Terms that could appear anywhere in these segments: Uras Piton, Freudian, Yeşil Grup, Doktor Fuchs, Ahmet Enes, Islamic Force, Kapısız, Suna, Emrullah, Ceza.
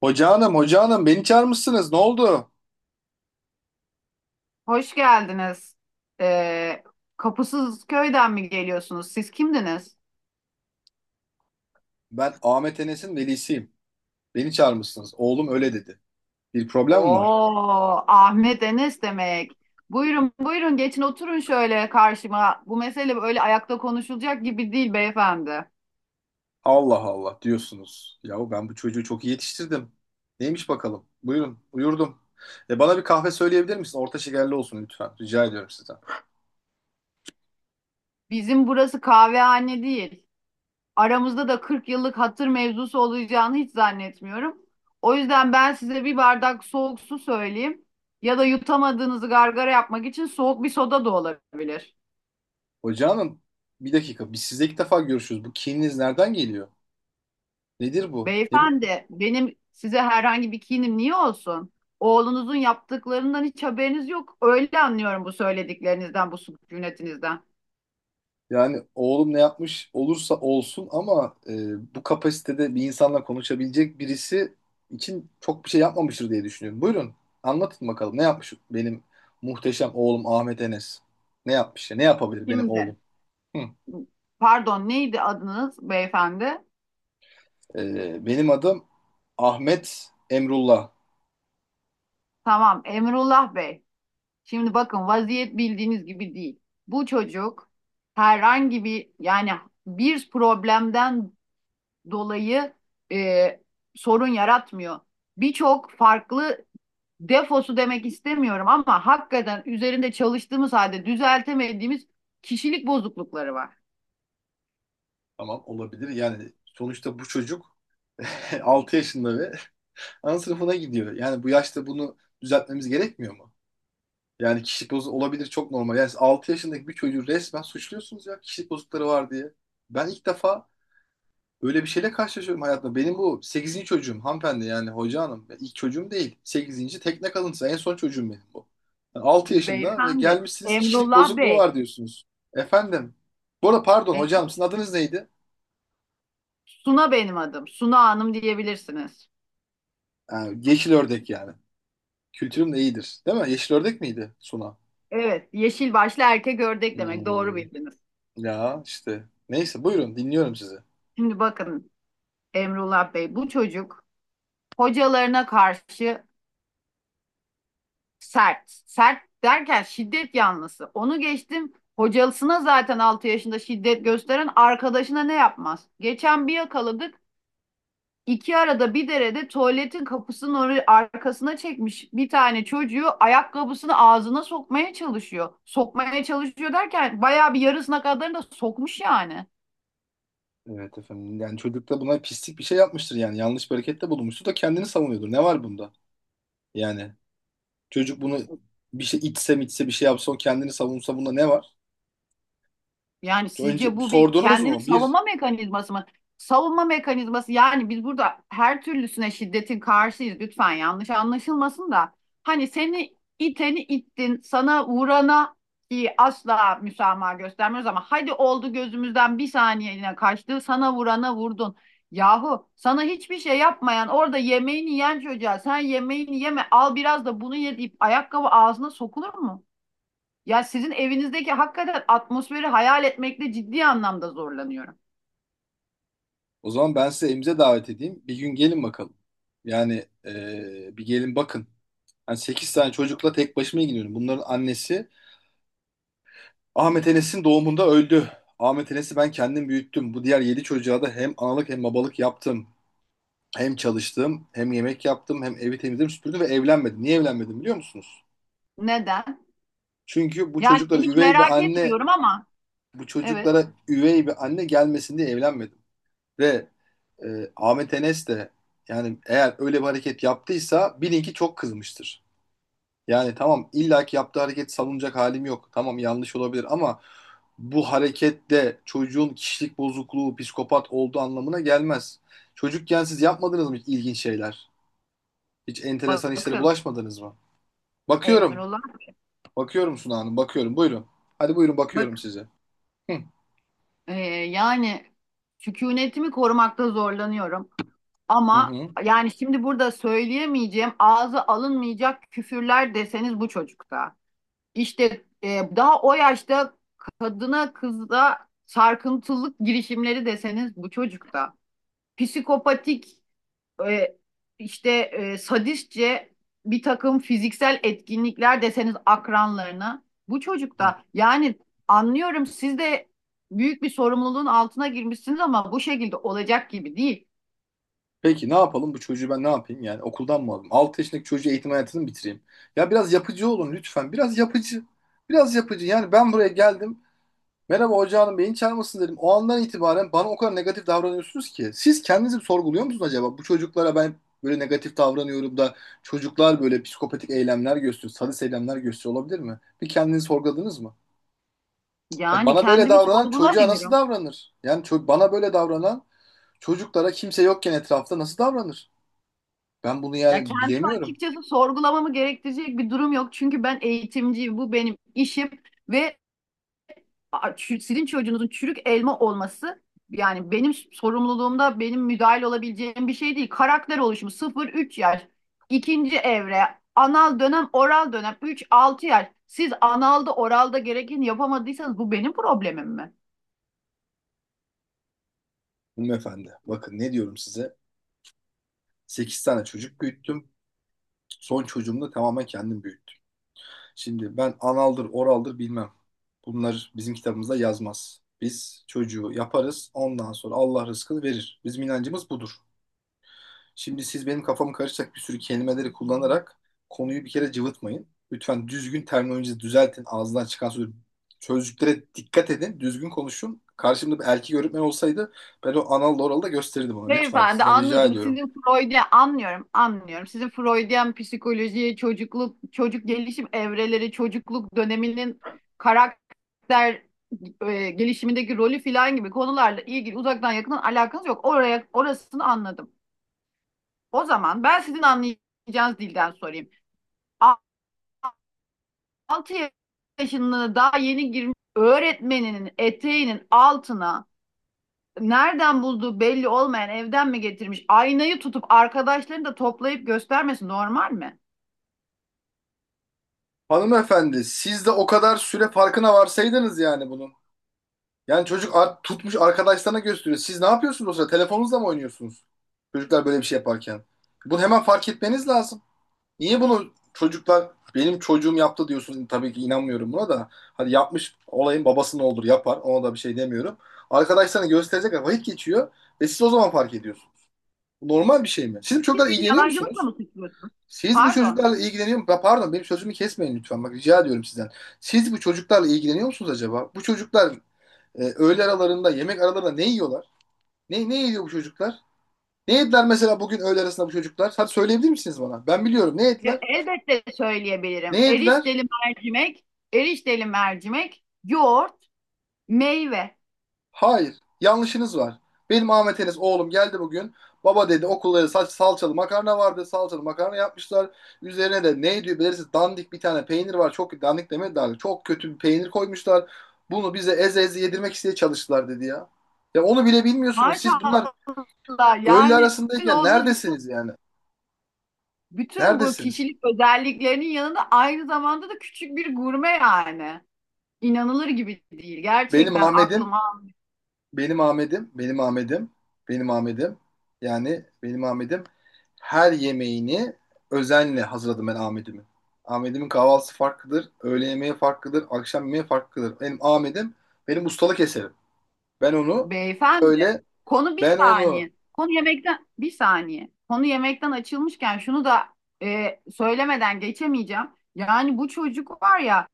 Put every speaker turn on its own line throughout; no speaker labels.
Hoca hanım, hoca hanım beni çağırmışsınız. Ne oldu?
Hoş geldiniz. Ee, Kapısız köyden mi geliyorsunuz? Siz kimdiniz?
Ben Ahmet Enes'in velisiyim. Beni çağırmışsınız. Oğlum öyle dedi. Bir problem mi var?
Oo, Ahmet Enes demek. Buyurun, buyurun, geçin oturun şöyle karşıma. Bu mesele böyle ayakta konuşulacak gibi değil beyefendi.
Allah Allah diyorsunuz. Yahu ben bu çocuğu çok iyi yetiştirdim. Neymiş bakalım? Buyurun, buyurdum. E bana bir kahve söyleyebilir misin? Orta şekerli olsun lütfen. Rica ediyorum sizden.
Bizim burası kahvehane değil. Aramızda da 40 yıllık hatır mevzusu olacağını hiç zannetmiyorum. O yüzden ben size bir bardak soğuk su söyleyeyim. Ya da yutamadığınızı gargara yapmak için soğuk bir soda da olabilir.
Hoca hanım, bir dakika. Biz sizle ilk defa görüşüyoruz. Bu kininiz nereden geliyor? Nedir bu? Ne bu?
Beyefendi, benim size herhangi bir kinim niye olsun? Oğlunuzun yaptıklarından hiç haberiniz yok. Öyle anlıyorum bu söylediklerinizden, bu sükunetinizden.
Yani oğlum ne yapmış olursa olsun ama bu kapasitede bir insanla konuşabilecek birisi için çok bir şey yapmamıştır diye düşünüyorum. Buyurun anlatın bakalım ne yapmış benim muhteşem oğlum Ahmet Enes. Ne yapmış ya? Ne yapabilir benim
Şimdi,
oğlum? Hı.
pardon, neydi adınız beyefendi?
Benim adım Ahmet Emrullah.
Tamam, Emrullah Bey. Şimdi bakın, vaziyet bildiğiniz gibi değil. Bu çocuk herhangi bir, yani bir problemden dolayı e, sorun yaratmıyor. Birçok farklı defosu demek istemiyorum ama hakikaten üzerinde çalıştığımız halde düzeltemediğimiz kişilik bozuklukları var.
Tamam olabilir. Yani sonuçta bu çocuk 6 yaşında ve ana sınıfına gidiyor. Yani bu yaşta bunu düzeltmemiz gerekmiyor mu? Yani kişilik bozukluğu olabilir çok normal. Yani 6 yaşındaki bir çocuğu resmen suçluyorsunuz ya kişilik bozuklukları var diye. Ben ilk defa öyle bir şeyle karşılaşıyorum hayatımda. Benim bu sekizinci çocuğum hanımefendi yani hoca hanım. Ya İlk çocuğum değil. 8. tekne kalıntısı en son çocuğum benim bu. Yani 6 yaşında ve
Beyefendi,
gelmişsiniz kişilik
Emrullah
bozukluğu
Bey,
var diyorsunuz. Efendim. Bu arada pardon
e,
hocam sizin adınız neydi?
Suna benim adım, Suna Hanım diyebilirsiniz.
Ha, yeşil ördek yani. Kültürüm de iyidir. Değil mi? Yeşil ördek miydi Suna?
Evet, yeşil başlı erkek ördek demek, doğru
Hmm,
bildiniz.
ya işte. Neyse buyurun dinliyorum sizi.
Şimdi bakın Emrullah Bey, bu çocuk hocalarına karşı sert. Sert derken şiddet yanlısı. Onu geçtim. Hocasına zaten 6 yaşında şiddet gösteren, arkadaşına ne yapmaz? Geçen bir yakaladık. İki arada bir derede tuvaletin kapısının oraya arkasına çekmiş, bir tane çocuğu ayakkabısını ağzına sokmaya çalışıyor. Sokmaya çalışıyor derken bayağı bir yarısına kadarını da sokmuş yani.
Evet efendim. Yani çocuk da buna pislik bir şey yapmıştır yani. Yanlış bir harekette bulunmuştur da kendini savunuyordur. Ne var bunda? Yani çocuk bunu bir şey içse mi içse bir şey yapsa o kendini savunsa bunda ne var?
Yani
Önce
sizce bu bir
sordunuz
kendini
mu? Bir.
savunma mekanizması mı? Savunma mekanizması, yani biz burada her türlüsüne şiddetin karşıyız. Lütfen yanlış anlaşılmasın da. Hani seni iteni ittin, sana vurana ki asla müsamaha göstermiyoruz, ama hadi oldu gözümüzden bir saniyeliğine kaçtı, sana vurana vurdun. Yahu sana hiçbir şey yapmayan, orada yemeğini yiyen çocuğa, sen yemeğini yeme al biraz da bunu ye deyip ayakkabı ağzına sokulur mu? Ya sizin evinizdeki hakikaten atmosferi hayal etmekte ciddi anlamda zorlanıyorum.
O zaman ben size evimize davet edeyim. Bir gün gelin bakalım. Yani bir gelin bakın. Yani 8 tane çocukla tek başıma ilgileniyorum. Bunların annesi Ahmet Enes'in doğumunda öldü. Ahmet Enes'i ben kendim büyüttüm. Bu diğer 7 çocuğa da hem analık hem babalık yaptım. Hem çalıştım, hem yemek yaptım, hem evi temizledim, süpürdüm ve evlenmedim. Niye evlenmedim biliyor musunuz?
Neden?
Çünkü bu
Yani
çocuklara
hiç
üvey bir
merak
anne,
etmiyorum ama,
bu
evet.
çocuklara üvey bir anne gelmesin diye evlenmedim. Ve e, Ahmet Enes de yani eğer öyle bir hareket yaptıysa bilin ki çok kızmıştır. Yani tamam illaki yaptığı hareket savunacak halim yok. Tamam yanlış olabilir ama bu hareket de çocuğun kişilik bozukluğu, psikopat olduğu anlamına gelmez. Çocukken siz yapmadınız mı hiç ilginç şeyler? Hiç enteresan işlere
Bakın
bulaşmadınız mı? Bakıyorum.
Emrullah,
Bakıyorum Suna Hanım, bakıyorum. Buyurun. Hadi buyurun bakıyorum
bakın.
size. Hı.
Ee, yani sükunetimi korumakta zorlanıyorum
Hı
ama
hı.
yani, şimdi burada söyleyemeyeceğim ağzı alınmayacak küfürler deseniz bu çocukta. İşte daha o yaşta kadına kızda sarkıntılık girişimleri deseniz bu çocukta. Psikopatik e, işte sadistçe bir takım fiziksel etkinlikler deseniz akranlarına, bu
Hı.
çocukta yani. Anlıyorum, siz de büyük bir sorumluluğun altına girmişsiniz ama bu şekilde olacak gibi değil.
Peki ne yapalım bu çocuğu ben ne yapayım yani okuldan mı alayım? 6 yaşındaki çocuğu eğitim hayatını mı bitireyim? Ya biraz yapıcı olun lütfen. Biraz yapıcı. Biraz yapıcı. Yani ben buraya geldim. Merhaba hoca hanım beyin çarpmasın dedim. O andan itibaren bana o kadar negatif davranıyorsunuz ki. Siz kendinizi sorguluyor musunuz acaba? Bu çocuklara ben böyle negatif davranıyorum da çocuklar böyle psikopatik eylemler gösteriyor, sadist eylemler gösteriyor olabilir mi? Bir kendinizi sorguladınız mı?
Yani
Bana böyle
kendimi
davranan çocuğa nasıl
sorgulamıyorum.
davranır? Yani bana böyle davranan çocuklara kimse yokken etrafta nasıl davranır? Ben bunu
Ya
yani
kendimi
bilemiyorum.
açıkçası sorgulamamı gerektirecek bir durum yok. Çünkü ben eğitimciyim. Bu benim işim ve sizin çocuğunuzun çürük elma olması, yani benim sorumluluğumda, benim müdahil olabileceğim bir şey değil. Karakter oluşumu 0-3 yaş, ikinci evre, anal dönem, oral dönem 3-6 yaş. Siz analda oralda gerekeni yapamadıysanız bu benim problemim mi?
Hanımefendi, bakın ne diyorum size. 8 tane çocuk büyüttüm. Son çocuğumu da tamamen kendim büyüttüm. Şimdi ben analdır, oraldır bilmem. Bunlar bizim kitabımızda yazmaz. Biz çocuğu yaparız, ondan sonra Allah rızkını verir. Bizim inancımız budur. Şimdi siz benim kafamı karışacak bir sürü kelimeleri kullanarak konuyu bir kere cıvıtmayın. Lütfen düzgün terminolojinizi düzeltin. Ağzından çıkan sözü sözcüklere dikkat edin. Düzgün konuşun. Karşımda bir erkek öğretmen olsaydı ben o anal oralı da gösterirdim ona. Lütfen
Beyefendi,
sizden rica
anladım.
ediyorum.
Sizin Freud'a, anlıyorum, anlıyorum. Sizin Freudian psikolojiye, çocukluk, çocuk gelişim evreleri, çocukluk döneminin karakter gelişimindeki rolü filan gibi konularla ilgili uzaktan yakından alakanız yok. Orasını anladım. O zaman ben sizin anlayacağınız dilden sorayım. 6 yaşında daha yeni girmiş, öğretmeninin eteğinin altına nereden bulduğu belli olmayan, evden mi getirmiş, aynayı tutup arkadaşlarını da toplayıp göstermesi normal mi?
Hanımefendi siz de o kadar süre farkına varsaydınız yani bunun. Yani çocuk tutmuş arkadaşlarına gösteriyor. Siz ne yapıyorsunuz o sırada? Telefonunuzla mı oynuyorsunuz? Çocuklar böyle bir şey yaparken. Bunu hemen fark etmeniz lazım. Niye bunu çocuklar benim çocuğum yaptı diyorsun tabii ki inanmıyorum buna da. Hadi yapmış olayın babası ne olur yapar ona da bir şey demiyorum. Arkadaşlarına gösterecekler vakit geçiyor ve siz o zaman fark ediyorsunuz. Bu normal bir şey mi? Siz bu
Siz
çocuklarla
beni
ilgileniyor
yalancılıkla
musunuz?
mı suçluyorsunuz?
Siz bu
Pardon.
çocuklarla ilgileniyor musunuz? Pardon benim sözümü kesmeyin lütfen bak rica ediyorum sizden. Siz bu çocuklarla ilgileniyor musunuz acaba? Bu çocuklar öğle aralarında yemek aralarında ne yiyorlar? Ne yiyor bu çocuklar? Ne yediler mesela bugün öğle arasında bu çocuklar? Hadi söyleyebilir misiniz bana? Ben biliyorum ne yediler?
Elbette
Ne
söyleyebilirim.
yediler?
Erişteli mercimek, yoğurt, meyve.
Hayır. Yanlışınız var. Benim Ahmet Enes oğlum geldi bugün. Baba dedi okulları salçalı makarna vardı. Salçalı makarna yapmışlar. Üzerine de ne diyor bilirsiniz dandik bir tane peynir var. Çok dandik demedi daha. Çok kötü bir peynir koymuşlar. Bunu bize eze eze yedirmek isteye çalıştılar dedi ya. Ya onu bile bilmiyorsunuz. Siz bunlar
Maşallah,
öğle
yani sizin
arasındayken
oğlunuz
neredesiniz
bütün
yani?
bütün bu
Neredesiniz?
kişilik özelliklerinin yanında aynı zamanda da küçük bir gurme yani. İnanılır gibi değil.
Benim
Gerçekten
Ahmet'im.
aklıma
Benim Ahmet'im, benim Ahmet'im, benim Ahmet'im. Yani benim Ahmet'im. Her yemeğini özenle hazırladım ben Ahmet'imin. Ahmet'imin kahvaltısı farklıdır, öğle yemeği farklıdır, akşam yemeği farklıdır. Benim Ahmet'im benim ustalık eserim. Ben onu
Beyefendi,
öyle
konu bir
ben onu
saniye. Konu yemekten bir saniye. Konu yemekten açılmışken şunu da söylemeden geçemeyeceğim. Yani bu çocuk var ya,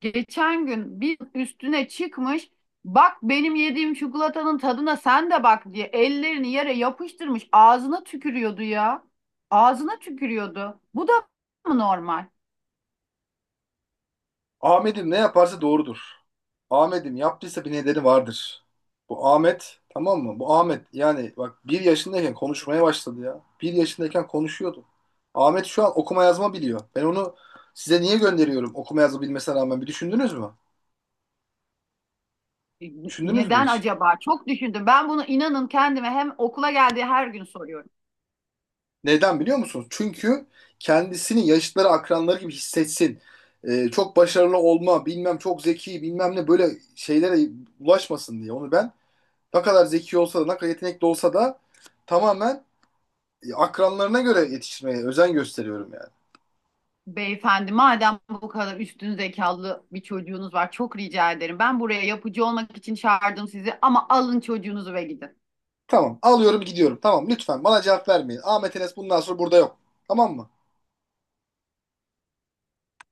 geçen gün bir üstüne çıkmış. Bak, benim yediğim çikolatanın tadına sen de bak diye ellerini yere yapıştırmış. Ağzına tükürüyordu ya. Ağzına tükürüyordu. Bu da mı normal?
Ahmet'im ne yaparsa doğrudur. Ahmet'im yaptıysa bir nedeni vardır. Bu Ahmet tamam mı? Bu Ahmet yani bak bir yaşındayken konuşmaya başladı ya. Bir yaşındayken konuşuyordu. Ahmet şu an okuma yazma biliyor. Ben onu size niye gönderiyorum okuma yazma bilmesine rağmen bir düşündünüz mü?
E,
Düşündünüz mü
Neden
hiç?
acaba? Çok düşündüm. Ben bunu inanın kendime hem, okula geldiği her gün soruyorum.
Neden biliyor musunuz? Çünkü kendisini yaşıtları akranları gibi hissetsin. Çok başarılı olma bilmem çok zeki bilmem ne böyle şeylere ulaşmasın diye. Onu ben ne kadar zeki olsa da ne kadar yetenekli olsa da tamamen akranlarına göre yetiştirmeye özen gösteriyorum yani.
Beyefendi, madem bu kadar üstün zekalı bir çocuğunuz var, çok rica ederim. Ben buraya yapıcı olmak için çağırdım sizi ama alın çocuğunuzu ve gidin.
Tamam alıyorum gidiyorum. Tamam lütfen bana cevap vermeyin. Ahmet Enes bundan sonra burada yok. Tamam mı?